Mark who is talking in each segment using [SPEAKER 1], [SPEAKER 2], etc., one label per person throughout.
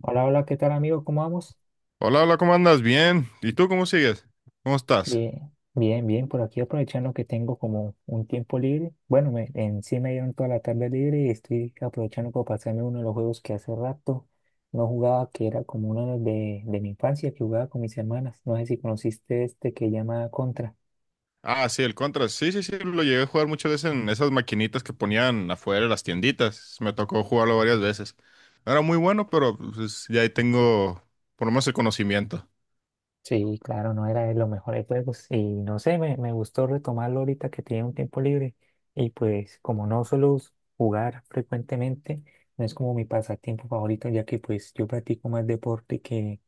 [SPEAKER 1] Hola, hola, ¿qué tal amigo? ¿Cómo vamos?
[SPEAKER 2] Hola, hola, ¿cómo andas? Bien. ¿Y tú cómo sigues? ¿Cómo estás?
[SPEAKER 1] Bien, bien, bien, por aquí aprovechando que tengo como un tiempo libre. Bueno, en sí me dieron toda la tarde libre y estoy aprovechando para pasarme uno de los juegos que hace rato no jugaba, que era como uno de mi infancia, que jugaba con mis hermanas. No sé si conociste este que llama Contra.
[SPEAKER 2] Ah, sí, el Contra. Sí, sí, sí, lo llegué a jugar muchas veces en esas maquinitas que ponían afuera de las tienditas. Me tocó jugarlo varias veces. No era muy bueno, pero pues, ya ahí tengo por lo menos el conocimiento.
[SPEAKER 1] Sí, claro, no era de los mejores juegos y no sé, me gustó retomarlo ahorita que tiene un tiempo libre y pues como no suelo jugar frecuentemente, no es como mi pasatiempo favorito ya que pues yo practico más deporte que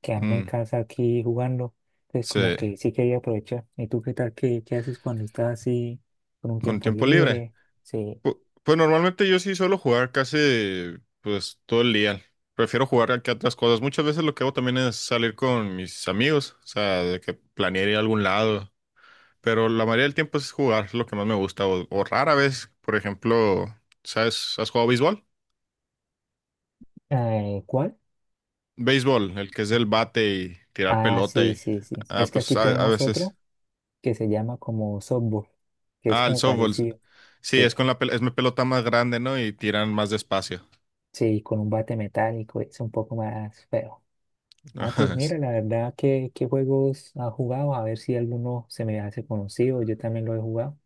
[SPEAKER 1] quedarme en
[SPEAKER 2] Mm,
[SPEAKER 1] casa aquí jugando, entonces como
[SPEAKER 2] sí,
[SPEAKER 1] que sí quería aprovechar. ¿Y tú qué tal? ¿Qué haces cuando estás así con un
[SPEAKER 2] con
[SPEAKER 1] tiempo
[SPEAKER 2] tiempo libre.
[SPEAKER 1] libre? Sí,
[SPEAKER 2] Pues, normalmente yo sí suelo jugar casi pues todo el día. Prefiero jugar que otras cosas. Muchas veces lo que hago también es salir con mis amigos, o sea, de que planear ir a algún lado. Pero la mayoría del tiempo es jugar, es lo que más me gusta. O rara vez, por ejemplo, ¿sabes? ¿Has jugado béisbol?
[SPEAKER 1] ¿cuál?
[SPEAKER 2] Béisbol, el que es del bate y tirar
[SPEAKER 1] Ah,
[SPEAKER 2] pelota
[SPEAKER 1] sí,
[SPEAKER 2] y
[SPEAKER 1] sí, sí.
[SPEAKER 2] Ah,
[SPEAKER 1] Es que
[SPEAKER 2] pues
[SPEAKER 1] aquí
[SPEAKER 2] a
[SPEAKER 1] tenemos otro
[SPEAKER 2] veces...
[SPEAKER 1] que se llama como softball, que es
[SPEAKER 2] Ah, el
[SPEAKER 1] como
[SPEAKER 2] softball.
[SPEAKER 1] parecido.
[SPEAKER 2] Sí,
[SPEAKER 1] Sí.
[SPEAKER 2] es con la es mi pelota más grande, ¿no? Y tiran más despacio.
[SPEAKER 1] Sí, con un bate metálico es un poco más feo. Ah, pues
[SPEAKER 2] Sí.
[SPEAKER 1] mira, la verdad, ¿qué juegos has jugado? A ver si alguno se me hace conocido, yo también lo he jugado.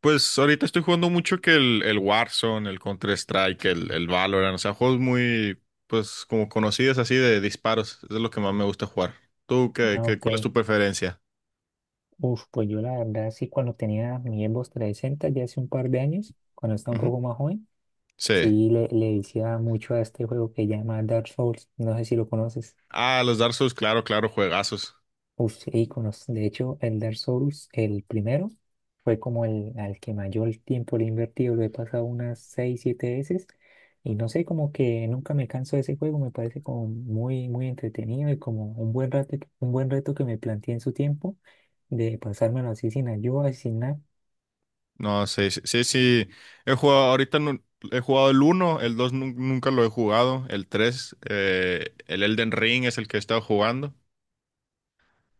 [SPEAKER 2] Pues ahorita estoy jugando mucho que el Warzone, el Counter-Strike, el Valorant, o sea, juegos muy, pues, como conocidos así de disparos. Eso es lo que más me gusta jugar. ¿Tú qué,
[SPEAKER 1] Ah,
[SPEAKER 2] cuál es
[SPEAKER 1] ok.
[SPEAKER 2] tu preferencia?
[SPEAKER 1] Uf, pues yo la verdad sí, cuando tenía mi Xbox 360 ya hace un par de años, cuando estaba un
[SPEAKER 2] Ujú.
[SPEAKER 1] poco más joven,
[SPEAKER 2] Sí.
[SPEAKER 1] sí le decía mucho a este juego que llama Dark Souls, no sé si lo conoces.
[SPEAKER 2] Ah, los Dark Souls, claro, claro, juegazos.
[SPEAKER 1] Uy, sí, iconos. De hecho, el Dark Souls, el primero, fue como el al que mayor tiempo le he invertido. Lo he pasado unas 6 7 veces. Y no sé, como que nunca me canso de ese juego. Me parece como muy, muy entretenido y como un buen rato, un buen reto que me planteé en su tiempo de pasármelo así sin ayuda, sin nada.
[SPEAKER 2] No, sí, sí, sí, sí. He jugado, ahorita he jugado el uno, el 2 nunca lo he jugado, el 3, el Elden Ring es el que he estado jugando.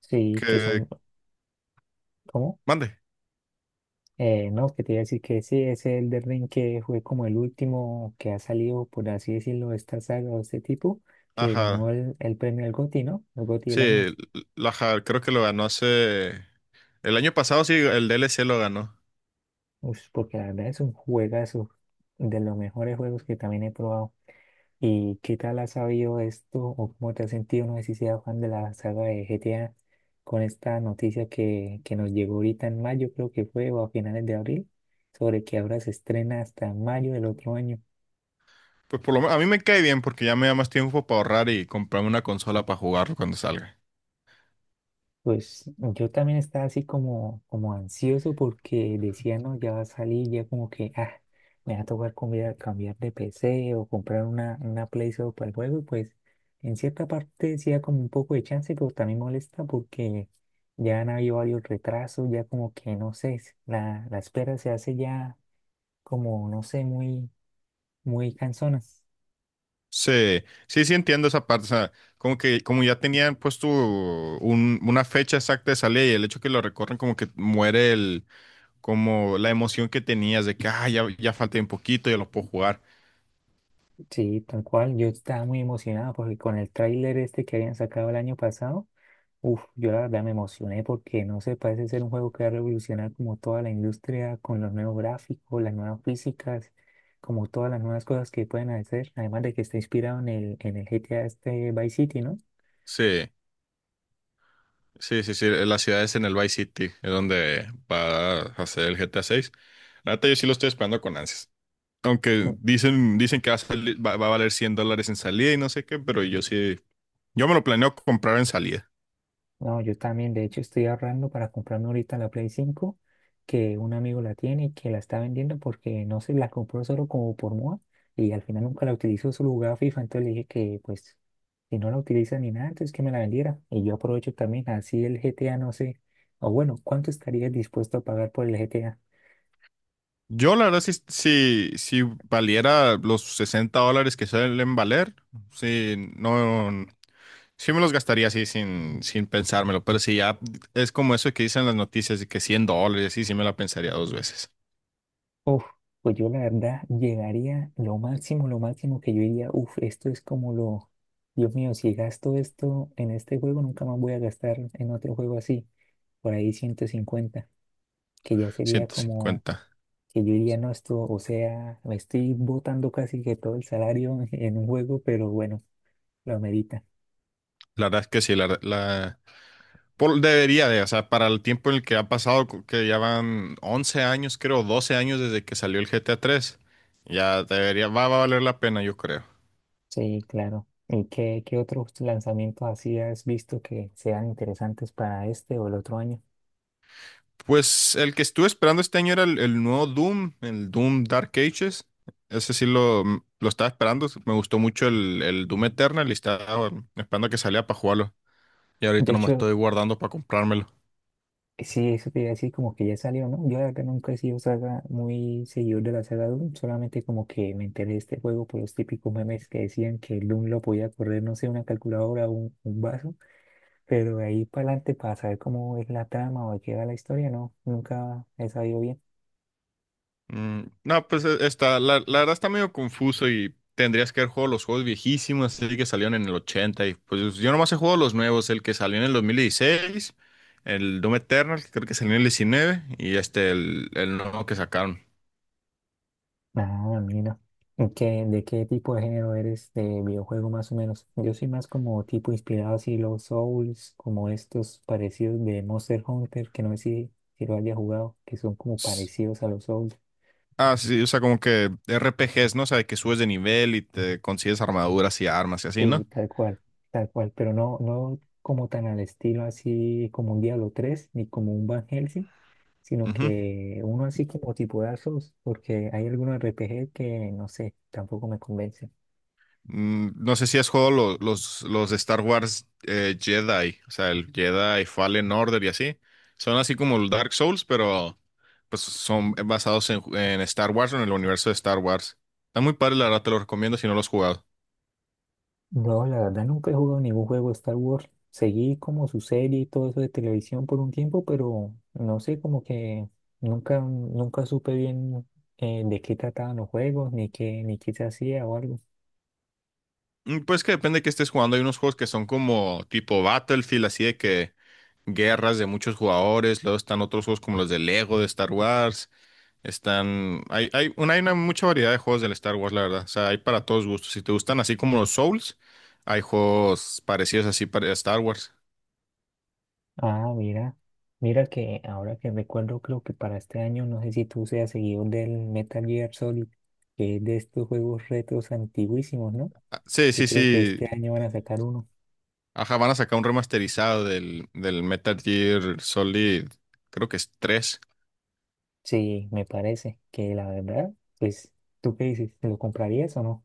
[SPEAKER 1] Sí, que son,
[SPEAKER 2] Que,
[SPEAKER 1] ¿cómo?
[SPEAKER 2] mande.
[SPEAKER 1] No, que te iba a decir que sí, ese Elden Ring que fue como el último que ha salido, por así decirlo, de esta saga o este tipo, que ganó
[SPEAKER 2] Ajá.
[SPEAKER 1] el premio al GOTY, ¿no? El GOTY
[SPEAKER 2] Sí,
[SPEAKER 1] del año.
[SPEAKER 2] creo que lo ganó hace... El año pasado sí, el DLC lo ganó.
[SPEAKER 1] Ush, porque la verdad es un juegazo, de los mejores juegos que también he probado. ¿Y qué tal has sabido esto o cómo te has sentido? No sé si seas fan de la saga de GTA con esta noticia que nos llegó ahorita en mayo, creo que fue, o a finales de abril, sobre que ahora se estrena hasta mayo del otro año.
[SPEAKER 2] Pues por lo menos, a mí me cae bien porque ya me da más tiempo para ahorrar y comprarme una consola para jugarlo cuando salga.
[SPEAKER 1] Pues yo también estaba así como ansioso porque decía, no, ya va a salir, ya como que, ah, me va a tocar cambiar de PC o comprar una Play solo para el juego. Y pues en cierta parte sí da como un poco de chance, pero también molesta porque ya han habido varios retrasos, ya como que, no sé, la espera se hace ya como, no sé, muy, muy cansona.
[SPEAKER 2] Sí, sí, sí entiendo esa parte, o sea, como que como ya tenían puesto una fecha exacta de salida y el hecho que lo recorren como que muere el, como la emoción que tenías de que, ah, ya, ya falta un poquito, ya lo puedo jugar.
[SPEAKER 1] Sí, tal cual, yo estaba muy emocionado porque con el tráiler este que habían sacado el año pasado. Uf, yo la verdad me emocioné porque no sé, parece ser un juego que va a revolucionar como toda la industria con los nuevos gráficos, las nuevas físicas, como todas las nuevas cosas que pueden hacer, además de que está inspirado en el GTA este Vice City, ¿no?
[SPEAKER 2] Sí, sí, sí, sí, la ciudad es en el Vice City, es donde va a hacer el GTA 6. La neta yo sí lo estoy esperando con ansias, aunque dicen, dicen que va va a valer $100 en salida y no sé qué, pero yo sí, yo me lo planeo comprar en salida.
[SPEAKER 1] No, yo también, de hecho, estoy ahorrando para comprarme ahorita la Play 5 que un amigo la tiene y que la está vendiendo porque no se la compró solo como por moda y al final nunca la utilizó, solo jugaba FIFA, entonces le dije que pues si no la utiliza ni nada, entonces que me la vendiera. Y yo aprovecho también, así el GTA no sé, o bueno, ¿cuánto estarías dispuesto a pagar por el GTA?
[SPEAKER 2] Yo, la verdad, si valiera los $60 que suelen valer, sí, no, sí me los gastaría así sin, sin pensármelo, pero si ya es como eso que dicen las noticias de que $100, sí, sí me la pensaría dos veces,
[SPEAKER 1] Uf, pues yo la verdad llegaría lo máximo que yo diría, uf, esto es como lo, Dios mío, si gasto esto en este juego, nunca más voy a gastar en otro juego así. Por ahí 150 que ya sería
[SPEAKER 2] ciento
[SPEAKER 1] como
[SPEAKER 2] cincuenta
[SPEAKER 1] que yo diría, no, esto, o sea, me estoy botando casi que todo el salario en un juego, pero bueno, lo medita.
[SPEAKER 2] La verdad es que sí, la debería de, o sea, para el tiempo en el que ha pasado, que ya van 11 años, creo, 12 años desde que salió el G GTA 3, ya debería, va, va a valer la pena, yo creo.
[SPEAKER 1] Sí, claro. ¿Y qué otros lanzamientos así has visto que sean interesantes para este o el otro año?
[SPEAKER 2] Pues el que estuve esperando este año era el nuevo Doom, el Doom Dark Ages. Ese sí lo, lo estaba esperando. Me gustó mucho el Doom Eternal y estaba esperando a que saliera para jugarlo. Y
[SPEAKER 1] De
[SPEAKER 2] ahorita no me
[SPEAKER 1] hecho,
[SPEAKER 2] estoy guardando para comprármelo.
[SPEAKER 1] sí, eso te iba a decir como que ya salió, ¿no? Yo la verdad nunca he sido saga muy seguidor de la saga Doom, solamente como que me enteré de este juego por los típicos memes que decían que el Doom lo podía correr, no sé, una calculadora o vaso. Pero de ahí para adelante, para saber cómo es la trama o de qué va la historia, no, nunca he sabido bien.
[SPEAKER 2] Mm, no, pues está, la verdad está medio confuso y tendrías que haber jugado los juegos viejísimos, así que salieron en el los 80. Y pues yo nomás he jugado los nuevos, el que salió en el 2016, el Doom Eternal, que creo que salió en el 19 y este, el nuevo que sacaron.
[SPEAKER 1] No, mira. ¿Y de qué tipo de género eres de videojuego más o menos? Yo soy más como tipo inspirado así los Souls, como estos parecidos de Monster Hunter, que no sé si lo haya jugado, que son como parecidos a los Souls.
[SPEAKER 2] Ah, sí, sí, o sea, como que R P RPGs, ¿no? O sea, de que subes de nivel y te consigues armaduras y armas y así,
[SPEAKER 1] Sí,
[SPEAKER 2] ¿no?
[SPEAKER 1] tal cual, pero no, no como tan al estilo así como un Diablo 3, ni como un Van Helsing, sino
[SPEAKER 2] Ujú.
[SPEAKER 1] que uno así como tipo Dark Souls, porque hay algunos RPG que no sé, tampoco me convencen.
[SPEAKER 2] Mm, no sé si has jugado los de Star Wars, Jedi, o sea, el Jedi Fallen Order y así. Son así como el Dark Souls, pero pues son basados en Star Wars o en el universo de Star Wars. Está muy padre, la verdad, te lo recomiendo si no lo has jugado.
[SPEAKER 1] No, la verdad nunca he jugado ningún juego de Star Wars. Seguí como su serie y todo eso de televisión por un tiempo, pero no sé, como que nunca supe bien de qué trataban los juegos, ni qué se hacía o algo.
[SPEAKER 2] Mm, pues que depende de qué estés jugando. Hay unos juegos que son como tipo Battlefield, así de que guerras de muchos jugadores, luego están otros juegos como los de Lego, de Star Wars, están, hay, hay una mucha variedad de juegos del Star Wars, la verdad, o sea, hay para todos gustos, si te gustan así como los Souls, hay juegos parecidos así para Star Wars.
[SPEAKER 1] Ah, mira, mira que ahora que recuerdo, creo que para este año, no sé si tú seas seguidor del Metal Gear Solid, que es de estos juegos retros antiguísimos, ¿no?
[SPEAKER 2] Ah, sí,
[SPEAKER 1] Que
[SPEAKER 2] sí,
[SPEAKER 1] creo que
[SPEAKER 2] sí,
[SPEAKER 1] este año van a sacar uno.
[SPEAKER 2] ajá, van a sacar un remasterizado del Metal Gear Solid, creo que es 3.
[SPEAKER 1] Sí, me parece que la verdad, pues, ¿tú qué dices? ¿Lo comprarías o no?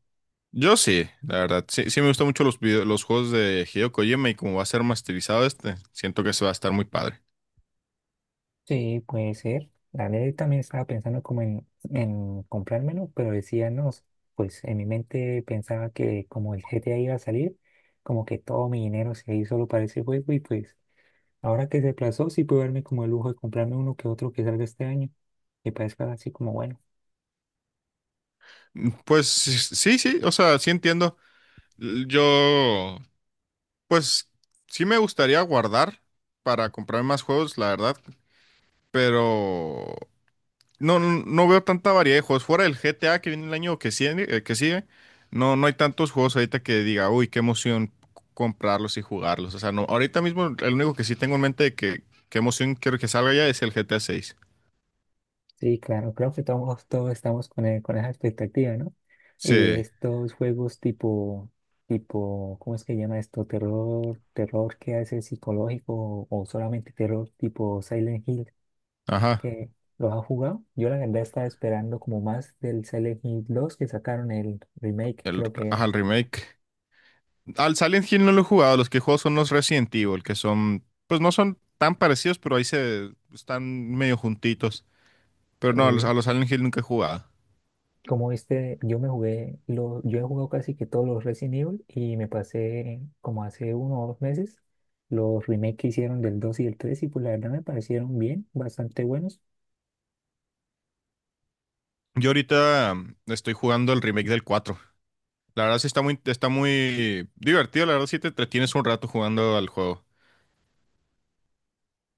[SPEAKER 2] Yo sí, la verdad, sí, sí me gustan mucho los los juegos de Hideo Kojima y como va a ser remasterizado este, siento que se va a estar muy padre.
[SPEAKER 1] Sí, puede ser. La verdad, yo también estaba pensando como en comprármelo, pero decía, no, pues en mi mente pensaba que como el GTA iba a salir, como que todo mi dinero se iba a ir solo para ese juego y pues ahora que se aplazó, sí puedo darme como el lujo de comprarme uno que otro que salga este año, que parezca así como bueno.
[SPEAKER 2] Mm, pues sí, sí, o sea, sí entiendo. Yo, pues sí me gustaría guardar para comprar más juegos, la verdad, pero no, no veo tanta variedad de juegos. Fuera del GTA que viene el año que sigue, no, no hay tantos juegos ahorita que diga, uy, qué emoción comprarlos y jugarlos. O sea, no, ahorita mismo el único que sí tengo en mente de que qué emoción quiero que salga ya es el GTA 6.
[SPEAKER 1] Sí, claro, creo que todos, todos estamos con esa expectativa, ¿no? Y
[SPEAKER 2] Sí,
[SPEAKER 1] estos juegos tipo, ¿cómo es que llama esto? Terror, terror que hace psicológico o, solamente terror tipo Silent Hill,
[SPEAKER 2] ajá,
[SPEAKER 1] que los ha jugado. Yo la verdad estaba esperando como más del Silent Hill 2 que sacaron el remake,
[SPEAKER 2] el,
[SPEAKER 1] creo que
[SPEAKER 2] ajá,
[SPEAKER 1] era.
[SPEAKER 2] el remake. Al Silent Hill no lo he jugado, los que juego son los Resident Evil, que son, pues no son tan parecidos, pero ahí se están medio juntitos. Pero no, a
[SPEAKER 1] Sí.
[SPEAKER 2] los Silent Hill nunca he jugado.
[SPEAKER 1] Como viste, yo me jugué, lo, yo he jugado casi que todos los Resident Evil y me pasé como hace 1 o 2 meses los remakes que hicieron del 2 y del 3 y pues la verdad me parecieron bien, bastante buenos.
[SPEAKER 2] Yo ahorita estoy jugando el remake del 4. La verdad sí está muy divertido, la verdad sí te entretienes un rato jugando al juego.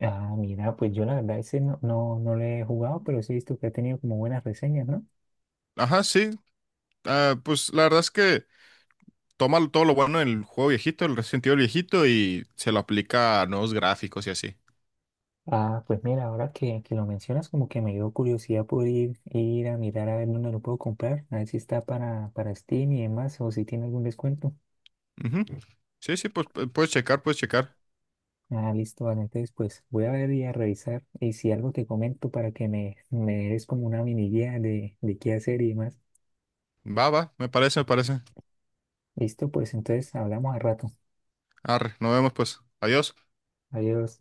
[SPEAKER 1] Ah, mira, pues yo la verdad ese no, no, no le he jugado, pero sí he visto que ha tenido como buenas reseñas, ¿no?
[SPEAKER 2] Ajá, sí. Ah, pues la verdad es que toma todo lo bueno del juego viejito, el Resident Evil viejito, y se lo aplica a nuevos gráficos y así.
[SPEAKER 1] Ah, pues mira, ahora que lo mencionas como que me dio curiosidad por ir a mirar a ver dónde lo puedo comprar, a ver si está para Steam y demás o si tiene algún descuento.
[SPEAKER 2] Ujú. Sí, sí, pues puedes checar, puedes checar.
[SPEAKER 1] Ah, listo, vale. Entonces, pues voy a ver y a revisar. Y si algo te comento para que me des como una mini guía de qué hacer y demás.
[SPEAKER 2] Va, va, me parece, me parece.
[SPEAKER 1] Listo, pues entonces hablamos al rato.
[SPEAKER 2] Arre, nos vemos pues. Adiós.
[SPEAKER 1] Adiós.